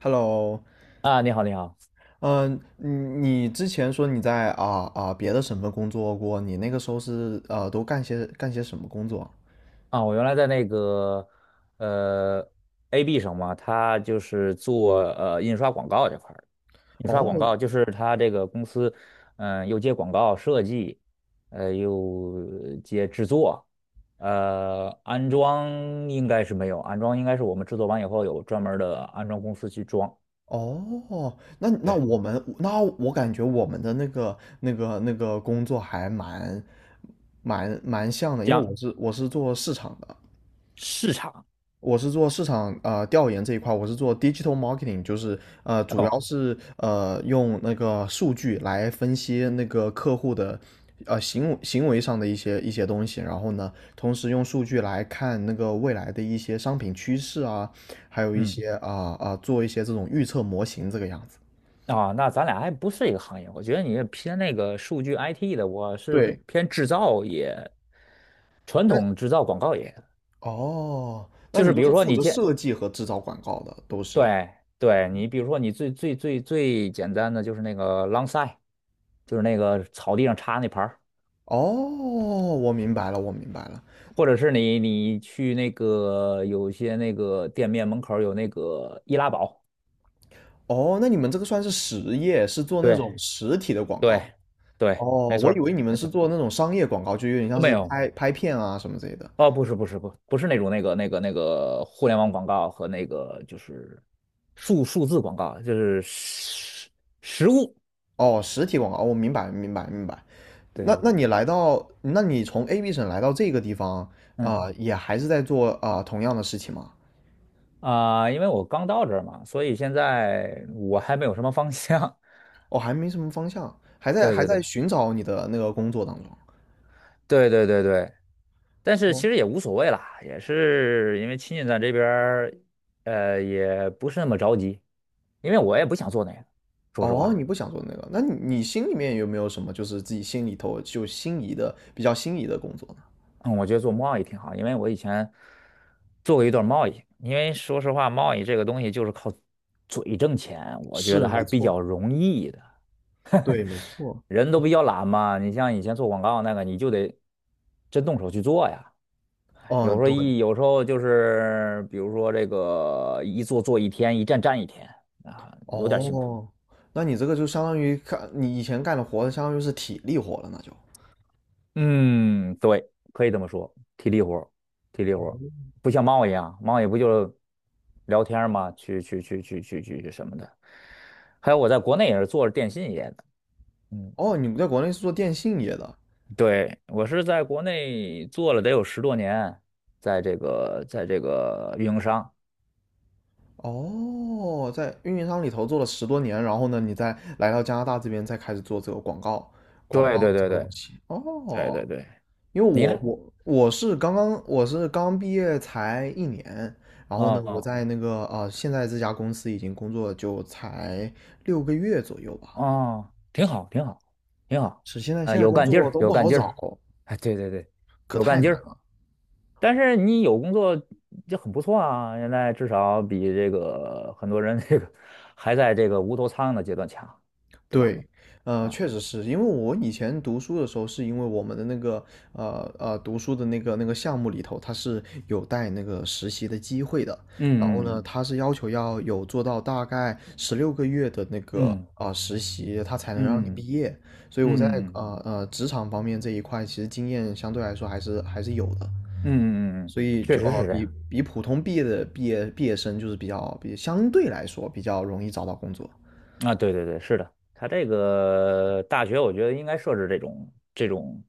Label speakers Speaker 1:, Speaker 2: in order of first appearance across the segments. Speaker 1: Hello，
Speaker 2: 啊，你好，你好
Speaker 1: 嗯，你之前说你在别的省份工作过，你那个时候是都干些什么工作？
Speaker 2: 啊！我原来在那个呃 AB 上嘛，他就是做印刷广告这块儿的，印刷广
Speaker 1: 哦
Speaker 2: 告就是他这个公司，嗯、又接广告设计，又接制作，安装应该是没有，安装应该是我们制作完以后有专门儿的安装公司去装，
Speaker 1: 哦，那那
Speaker 2: 对，
Speaker 1: 我们那我感觉我们的那个工作还蛮像的，因为
Speaker 2: 将
Speaker 1: 我是做市场的。
Speaker 2: 市场
Speaker 1: 我是做市场啊、调研这一块，我是做 digital marketing，就是主
Speaker 2: 哦，
Speaker 1: 要是用那个数据来分析那个客户的行为上的一些东西，然后呢，同时用数据来看那个未来的一些商品趋势啊，还有一
Speaker 2: 嗯。
Speaker 1: 些做一些这种预测模型这个样子。
Speaker 2: 啊，那咱俩还不是一个行业，我觉得你是偏那个数据 IT 的，我是
Speaker 1: 对，
Speaker 2: 偏制造业，传
Speaker 1: 但
Speaker 2: 统制造广告业，
Speaker 1: 哦，那
Speaker 2: 就
Speaker 1: 你
Speaker 2: 是
Speaker 1: 就
Speaker 2: 比如
Speaker 1: 是
Speaker 2: 说
Speaker 1: 负
Speaker 2: 你
Speaker 1: 责
Speaker 2: 见，
Speaker 1: 设计和制造广告的，都是。
Speaker 2: 对对，你比如说你最简单的就是那个 lawn sign，就是那个草地上插那牌儿，
Speaker 1: 哦，我明白了，我明白了。
Speaker 2: 或者是你去那个有些那个店面门口儿有那个易拉宝，
Speaker 1: 哦，那你们这个算是实业，是做那
Speaker 2: 对
Speaker 1: 种实体的广
Speaker 2: 对
Speaker 1: 告。
Speaker 2: 对，
Speaker 1: 哦，
Speaker 2: 没错
Speaker 1: 我以
Speaker 2: 儿
Speaker 1: 为你们
Speaker 2: 没
Speaker 1: 是
Speaker 2: 错儿
Speaker 1: 做那种商业广告，就有点像
Speaker 2: 没
Speaker 1: 是
Speaker 2: 有
Speaker 1: 拍拍片啊什么之类的。
Speaker 2: 哦，不是那种那个互联网广告和那个就是数字广告，就是实物。
Speaker 1: 哦，实体广告，哦我、明白，明白，明白。
Speaker 2: 对对对，
Speaker 1: 那你从 AB 省来到这个地方，啊、
Speaker 2: 嗯
Speaker 1: 也还是在做啊、同样的事情吗？
Speaker 2: 啊、因为我刚到这儿嘛，所以现在我还没有什么方向。
Speaker 1: 哦，还没什么方向，还在
Speaker 2: 对
Speaker 1: 还
Speaker 2: 对
Speaker 1: 在
Speaker 2: 对
Speaker 1: 寻找你的那个工作当中。
Speaker 2: 对对对对，但是其
Speaker 1: 哦，
Speaker 2: 实也无所谓啦，也是因为亲戚在这边儿也不是那么着急，因为我也不想做那个，说实
Speaker 1: 哦，
Speaker 2: 话。
Speaker 1: 你不想做那个，那你心里面有没有什么就是自己心里头就心仪的比较心仪的工作呢？
Speaker 2: 嗯，我觉得做贸易挺好，因为我以前做过一段贸易。因为说实话，贸易这个东西就是靠嘴挣钱，我觉得
Speaker 1: 是，
Speaker 2: 还
Speaker 1: 没
Speaker 2: 是比
Speaker 1: 错。
Speaker 2: 较容易的。
Speaker 1: 对，没错。
Speaker 2: 人都比较懒嘛，你像以前做广告那个，你就得真动手去做呀。有
Speaker 1: 哦，
Speaker 2: 时候
Speaker 1: 对，
Speaker 2: 有时候就是，比如说这个一做做一天，一站站一天啊，有点辛苦。
Speaker 1: 哦，那你这个就相当于干你以前干的活，相当于是体力活了，那就。
Speaker 2: 嗯，对，可以这么说，体力活儿体力活
Speaker 1: 哦，
Speaker 2: 儿不像猫一样，猫也不就聊天儿嘛，去去去去去去去什么的。还有我在国内也是做着电信业的，嗯，
Speaker 1: 哦，你在国内是做电信业的。
Speaker 2: 对，我是在国内做了得有十多年，在这个在这个运营商，
Speaker 1: 哦，在运营商里头做了10多年，然后呢，你再来到加拿大这边，再开始做这个广告，广
Speaker 2: 对
Speaker 1: 告
Speaker 2: 对
Speaker 1: 的这
Speaker 2: 对
Speaker 1: 个东
Speaker 2: 对
Speaker 1: 西。
Speaker 2: 对
Speaker 1: 哦，
Speaker 2: 对对，
Speaker 1: 因为
Speaker 2: 你呢？
Speaker 1: 我是刚毕业才1年，然后呢，我
Speaker 2: 哦
Speaker 1: 在那个现在这家公司已经工作就才六个月左右吧，
Speaker 2: 哦，挺好挺好挺好，
Speaker 1: 是现在
Speaker 2: 啊、
Speaker 1: 现在
Speaker 2: 有
Speaker 1: 工
Speaker 2: 干劲
Speaker 1: 作
Speaker 2: 儿
Speaker 1: 都
Speaker 2: 有
Speaker 1: 不
Speaker 2: 干
Speaker 1: 好
Speaker 2: 劲
Speaker 1: 找，
Speaker 2: 儿，哎，对对对，
Speaker 1: 可
Speaker 2: 有
Speaker 1: 太
Speaker 2: 干
Speaker 1: 难
Speaker 2: 劲儿。
Speaker 1: 了。
Speaker 2: 但是你有工作就很不错啊，现在至少比这个很多人这个还在这个无头苍蝇的阶段强，对吧？
Speaker 1: 对，
Speaker 2: 啊，
Speaker 1: 确实是因为我以前读书的时候，是因为我们的那个读书的那个项目里头，它是有带那个实习的机会的。然后
Speaker 2: 嗯
Speaker 1: 呢，
Speaker 2: 嗯
Speaker 1: 它是要求要有做到大概16个月的那个
Speaker 2: 嗯
Speaker 1: 啊、实习，它才能让你毕
Speaker 2: 嗯嗯
Speaker 1: 业。所以我在
Speaker 2: 嗯嗯嗯
Speaker 1: 职场方面这一块，其实经验相对来说还是有的。
Speaker 2: 嗯嗯嗯，嗯
Speaker 1: 所以
Speaker 2: 确实
Speaker 1: 哦，
Speaker 2: 是这
Speaker 1: 比
Speaker 2: 样。
Speaker 1: 比普通毕业的毕业毕业生就是比较比相对来说比较容易找到工作，
Speaker 2: 啊，对对对，是的，他这个大学我觉得应该设置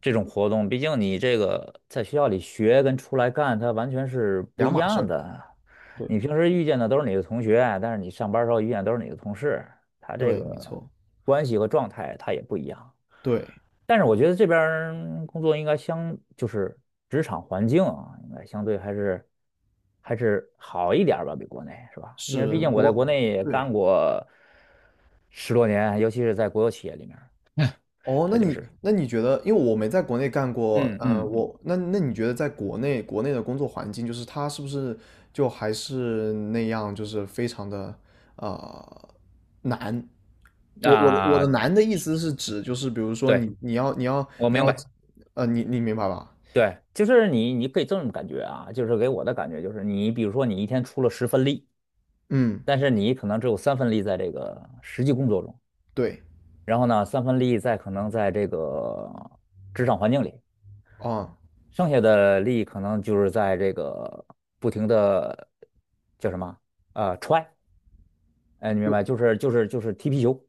Speaker 2: 这种活动，毕竟你这个在学校里学跟出来干，它完全是不
Speaker 1: 两
Speaker 2: 一
Speaker 1: 码事
Speaker 2: 样
Speaker 1: 儿。
Speaker 2: 的。
Speaker 1: 对
Speaker 2: 你平时遇见的都是你的同学，但是你上班儿时候遇见都是你的同事，他这
Speaker 1: 对，没
Speaker 2: 个
Speaker 1: 错，
Speaker 2: 关系和状态他也不一样。
Speaker 1: 对
Speaker 2: 但是我觉得这边儿工作应该相，就是职场环境啊，应该相对还是好一点儿吧，比国内是吧？因为毕
Speaker 1: 是
Speaker 2: 竟我在
Speaker 1: 国
Speaker 2: 国内也
Speaker 1: 对
Speaker 2: 干过十多年，尤其是在国有企业里面
Speaker 1: 哦。
Speaker 2: 他
Speaker 1: 那
Speaker 2: 就
Speaker 1: 你
Speaker 2: 是
Speaker 1: 那你觉得，因为我没在国内干过，
Speaker 2: 嗯嗯
Speaker 1: 我那那你觉得在国内的工作环境，就是它是不是就还是那样，就是非常的呃难？我我的我
Speaker 2: 啊，
Speaker 1: 的难的意思是指就是比如说
Speaker 2: 对，
Speaker 1: 你你要你要
Speaker 2: 我
Speaker 1: 你
Speaker 2: 明
Speaker 1: 要
Speaker 2: 白，
Speaker 1: 你明白吧？
Speaker 2: 对，就是你可以这么感觉啊，就是给我的感觉就是你比如说你一天出了十分力，
Speaker 1: 嗯，
Speaker 2: 但是你可能只有三分力在这个实际工作中，
Speaker 1: 对，
Speaker 2: 然后呢三分力在可能在这个职场环境里。
Speaker 1: 啊，
Speaker 2: 剩下的力可能就是在这个不停的叫什么踹，哎，你明
Speaker 1: 就
Speaker 2: 白？就是踢皮球，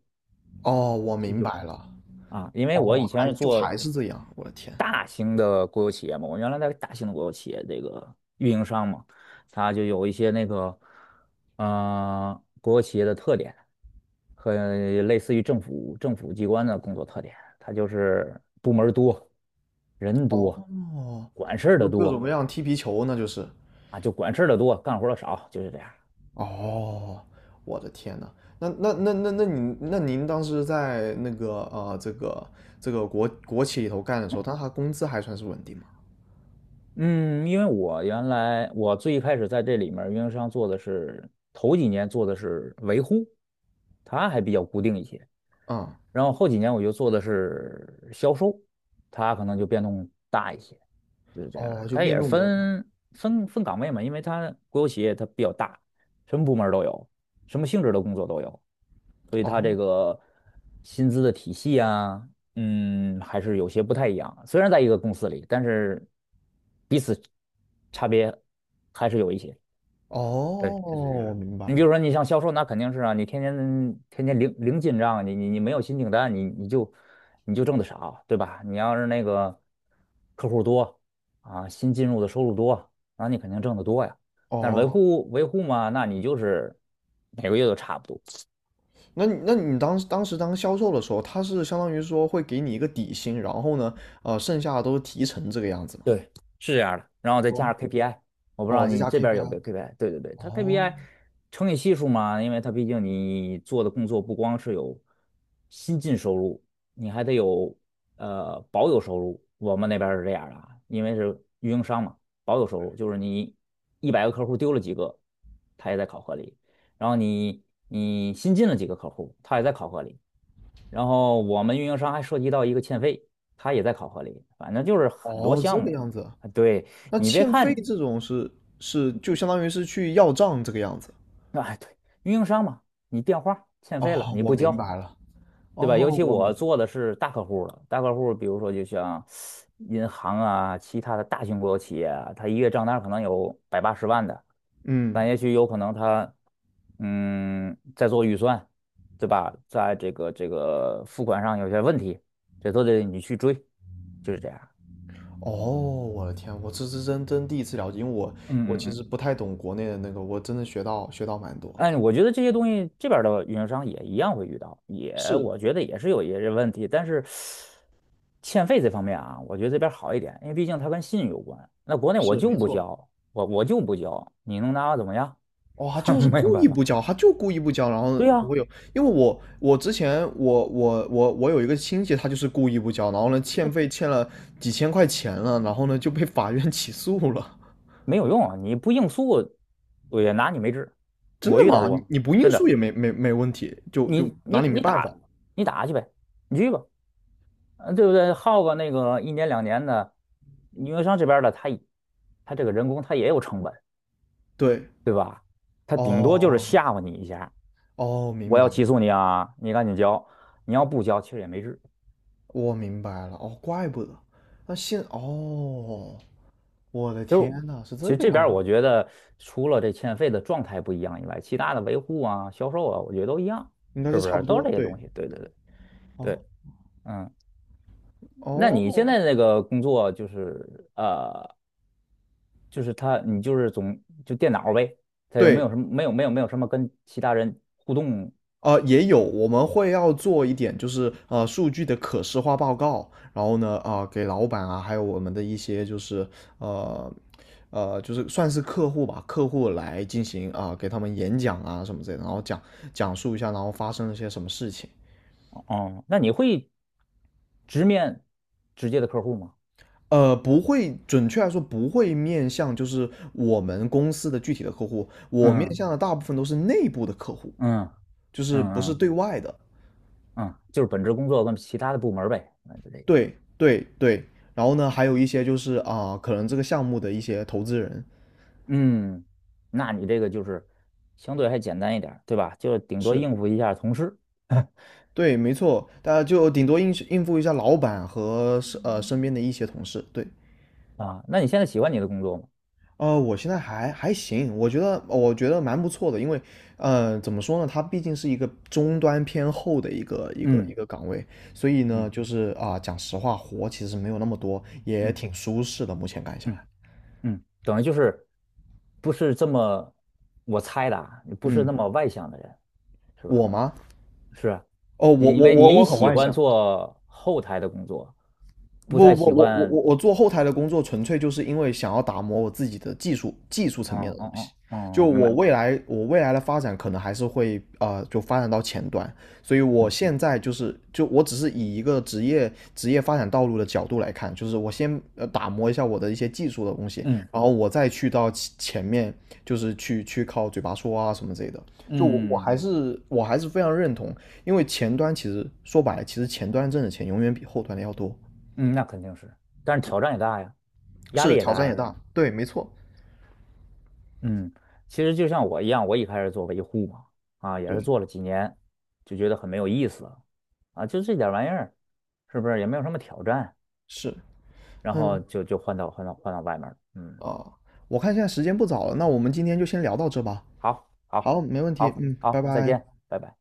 Speaker 1: 哦，我
Speaker 2: 踢皮
Speaker 1: 明
Speaker 2: 球
Speaker 1: 白了，
Speaker 2: 啊！因为我
Speaker 1: 哦，
Speaker 2: 以前是
Speaker 1: 就还
Speaker 2: 做
Speaker 1: 是这样，我的天，
Speaker 2: 大型的国有企业嘛，我原来在大型的国有企业这个运营商嘛，它就有一些那个国有企业的特点和类似于政府机关的工作特点，它就是部门儿多，人多，
Speaker 1: 哦，
Speaker 2: 管事儿的
Speaker 1: 就各种
Speaker 2: 多。
Speaker 1: 各样踢皮球，那就是。
Speaker 2: 啊，就管事儿的多，干活儿的少，就是这样。
Speaker 1: 哦，我的天呐，那您当时在这个国企里头干的时候，那他工资还算是稳定吗？
Speaker 2: 嗯，因为我原来我最一开始在这里面儿运营商做的是头几年做的是维护，它还比较固定一些。
Speaker 1: 嗯，
Speaker 2: 然后后几年我就做的是销售，它可能就变动大一些，就是这样。
Speaker 1: 哦，就
Speaker 2: 它也
Speaker 1: 变
Speaker 2: 是
Speaker 1: 动比较大，
Speaker 2: 分岗位嘛，因为它国有企业它比较大，什么部门儿都有，什么性质的工作都有，所以它
Speaker 1: 哦
Speaker 2: 这个薪资的体系啊，嗯，还是有些不太一样。虽然在一个公司里，但是彼此差别还是有一些。对，
Speaker 1: 哦，
Speaker 2: 就是这
Speaker 1: 我
Speaker 2: 样。
Speaker 1: 明白
Speaker 2: 你比
Speaker 1: 了，
Speaker 2: 如说，你像销售，那肯定是啊，你天天零零进账，你没有新订单，你就挣的少，对吧？你要是那个客户多啊，新进入的收入多，那你肯定挣得多呀。但是维
Speaker 1: 哦。
Speaker 2: 护维护嘛，那你就是每个月都差不多。
Speaker 1: 那你当时当销售的时候，他是相当于说会给你一个底薪，然后呢，剩下的都是提成这个样子嘛？
Speaker 2: 对，是这样的。然后再加
Speaker 1: 哦，
Speaker 2: 上 KPI，我不知道
Speaker 1: 哦，再
Speaker 2: 你
Speaker 1: 加
Speaker 2: 这边有没
Speaker 1: KPI。
Speaker 2: 有 KPI。对对对，它
Speaker 1: 哦
Speaker 2: KPI 乘以系数嘛，因为它毕竟你做的工作不光是有新进收入，你还得有保有收入。我们那边是这样的啊，因为是运营商嘛，保有收入就是你100个客户丢了几个，它也在考核里；然后你新进了几个客户，它也在考核里。然后我们运营商还涉及到一个欠费，它也在考核里，反正就是很多
Speaker 1: 哦，
Speaker 2: 项
Speaker 1: 这个
Speaker 2: 目。
Speaker 1: 样子。
Speaker 2: 啊，对，
Speaker 1: 那
Speaker 2: 你别
Speaker 1: 欠费
Speaker 2: 看，
Speaker 1: 这种是就相当于是去要账这个样子。
Speaker 2: 啊，对，运营商嘛，你电话欠费了，
Speaker 1: 哦，
Speaker 2: 你
Speaker 1: 我
Speaker 2: 不
Speaker 1: 明
Speaker 2: 交，
Speaker 1: 白了。
Speaker 2: 对
Speaker 1: 哦，
Speaker 2: 吧？尤其
Speaker 1: 我明
Speaker 2: 我
Speaker 1: 白。
Speaker 2: 做的是大客户了，大客户，比如说就像银行啊，其他的大型国有企业啊，它一月账单可能有百八十万的，但
Speaker 1: 嗯，
Speaker 2: 也许有可能他嗯，在做预算，对吧？在这个这个付款上有些问题，这都得你去追，就是这样。
Speaker 1: 哦，我的天，我这是真第一次了解，因为我
Speaker 2: 嗯
Speaker 1: 我
Speaker 2: 嗯
Speaker 1: 其
Speaker 2: 嗯，
Speaker 1: 实不太懂国内的那个，我真的学到蛮多。
Speaker 2: 哎，我觉得这些东西这边儿的运营商也一样会遇到，也
Speaker 1: 是
Speaker 2: 我觉得也是有一些问题，但是欠费这方面啊，我觉得这边儿好一点，因为毕竟它跟信用有关。那国内我
Speaker 1: 是，
Speaker 2: 就
Speaker 1: 没
Speaker 2: 不
Speaker 1: 错。
Speaker 2: 交，我就不交，你能拿我怎么样？
Speaker 1: 哦，他就 是
Speaker 2: 没有
Speaker 1: 故
Speaker 2: 办
Speaker 1: 意
Speaker 2: 法，
Speaker 1: 不交，他就故意不交，然后
Speaker 2: 对
Speaker 1: 不
Speaker 2: 呀、
Speaker 1: 会有，因为我我之前我我我我有一个亲戚，他就是故意不交，然后呢欠费欠了几千块钱了，然后呢就被法院 起诉了。
Speaker 2: 没有用啊，你不应诉，我也拿你没治。
Speaker 1: 真
Speaker 2: 我
Speaker 1: 的
Speaker 2: 遇到
Speaker 1: 吗？你
Speaker 2: 过，
Speaker 1: 你不应
Speaker 2: 真
Speaker 1: 诉
Speaker 2: 的，
Speaker 1: 也没问题，就
Speaker 2: 你你
Speaker 1: 拿你没
Speaker 2: 你
Speaker 1: 办法。
Speaker 2: 打你打去呗，你去吧，嗯，对不对？耗个那个一年两年的，运营商这边儿的他也他这个人工他也有成本，
Speaker 1: 对，
Speaker 2: 他顶多就是
Speaker 1: 哦
Speaker 2: 吓唬你一下，
Speaker 1: 哦，
Speaker 2: 我
Speaker 1: 明
Speaker 2: 要
Speaker 1: 白，
Speaker 2: 起诉你啊，你赶紧交，你要不交其实也没事。
Speaker 1: 我明白了，哦，怪不得，哦，我的
Speaker 2: 就是
Speaker 1: 天呐，是
Speaker 2: 其
Speaker 1: 这
Speaker 2: 实
Speaker 1: 个
Speaker 2: 这边
Speaker 1: 样
Speaker 2: 儿
Speaker 1: 子，
Speaker 2: 我觉得除了这欠费的状态不一样以外，其他的维护啊、销售啊，我觉得都一样，
Speaker 1: 应该是
Speaker 2: 是不
Speaker 1: 差
Speaker 2: 是？
Speaker 1: 不
Speaker 2: 都是这
Speaker 1: 多，
Speaker 2: 些
Speaker 1: 对，
Speaker 2: 东西。对对对
Speaker 1: 哦
Speaker 2: 对，嗯。那你现
Speaker 1: 哦，
Speaker 2: 在那个工作就是就是他，你就是总就电脑呗，他有没
Speaker 1: 对。
Speaker 2: 有什么没有没有没有什么跟其他人互动？
Speaker 1: 也有，我们会要做一点，就是数据的可视化报告，然后呢，啊、给老板啊，还有我们的一些就是呃就是算是客户吧，客户来进行啊、给他们演讲啊什么之类的，然后讲述一下，然后发生了些什么事情。
Speaker 2: 哦，那你会直面直接的客户吗？
Speaker 1: 不会，准确来说不会面向就是我们公司的具体的客户，我面
Speaker 2: 嗯
Speaker 1: 向的大部分都是内部的客户，
Speaker 2: 嗯
Speaker 1: 就是不
Speaker 2: 嗯
Speaker 1: 是
Speaker 2: 嗯
Speaker 1: 对外的。
Speaker 2: 嗯，就是本职工作跟其他的部门儿呗，那就这意思。
Speaker 1: 对对对，然后呢，还有一些就是啊，可能这个项目的一些投资人，
Speaker 2: 嗯，那你这个就是相对还简单一点儿对吧？就顶多
Speaker 1: 是，
Speaker 2: 应付一下同事
Speaker 1: 对，没错，大家就顶多应付一下老板和身边的一些同事。对，
Speaker 2: 啊。那你现在喜欢你的工作吗？
Speaker 1: 我现在还行，我觉得蛮不错的，因为怎么说呢，它毕竟是一个终端偏后的一个一个一
Speaker 2: 嗯
Speaker 1: 个岗位，所以呢，
Speaker 2: 嗯
Speaker 1: 就是啊、讲实话，活其实没有那么多，也
Speaker 2: 嗯
Speaker 1: 挺舒适的，目前干下
Speaker 2: 嗯
Speaker 1: 来。
Speaker 2: 嗯，嗯等于就是不是这么我猜的啊，你不是
Speaker 1: 嗯，
Speaker 2: 那么外向的人。是吧？
Speaker 1: 我吗？
Speaker 2: 是啊，
Speaker 1: 哦，我
Speaker 2: 因
Speaker 1: 我
Speaker 2: 为
Speaker 1: 我
Speaker 2: 你
Speaker 1: 我很
Speaker 2: 喜
Speaker 1: 外
Speaker 2: 欢
Speaker 1: 向。
Speaker 2: 做后台的工作，不
Speaker 1: 不
Speaker 2: 太
Speaker 1: 不，不，
Speaker 2: 喜
Speaker 1: 我我
Speaker 2: 欢，
Speaker 1: 我我做后台的工作，纯粹就是因为想要打磨我自己的技术层面
Speaker 2: 嗯
Speaker 1: 的东
Speaker 2: 嗯嗯
Speaker 1: 西。就
Speaker 2: 嗯，明
Speaker 1: 我
Speaker 2: 白，
Speaker 1: 未来我未来的发展，可能还是会就发展到前端。所以我
Speaker 2: 嗯
Speaker 1: 现在就我只是以一个职业发展道路的角度来看，就是我先打磨一下我的一些技术的东西，
Speaker 2: 嗯
Speaker 1: 然后我再去到其前面，就是去靠嘴巴说啊什么之类的。就我我还
Speaker 2: 嗯
Speaker 1: 是我还是非常认同，因为前端其实说白了，其实前端挣的钱永远比后端的要多。
Speaker 2: 嗯，那肯定是，但是挑战也大呀，压
Speaker 1: 是
Speaker 2: 力也
Speaker 1: 挑
Speaker 2: 大
Speaker 1: 战也
Speaker 2: 呀，
Speaker 1: 大，对，没错，
Speaker 2: 嗯，其实就像我一样，我一开始做维护嘛，啊，也是
Speaker 1: 对，
Speaker 2: 做了几年，就觉得很没有意思了，啊，就这点玩意儿，是不是也没有什么挑战，
Speaker 1: 是，
Speaker 2: 然后
Speaker 1: 嗯，
Speaker 2: 就换到外面了，嗯，
Speaker 1: 啊，我看现在时间不早了，那我们今天就先聊到这吧。
Speaker 2: 好，好，
Speaker 1: 好，没问题，
Speaker 2: 好，
Speaker 1: 嗯，拜
Speaker 2: 好，再
Speaker 1: 拜。
Speaker 2: 见，拜拜。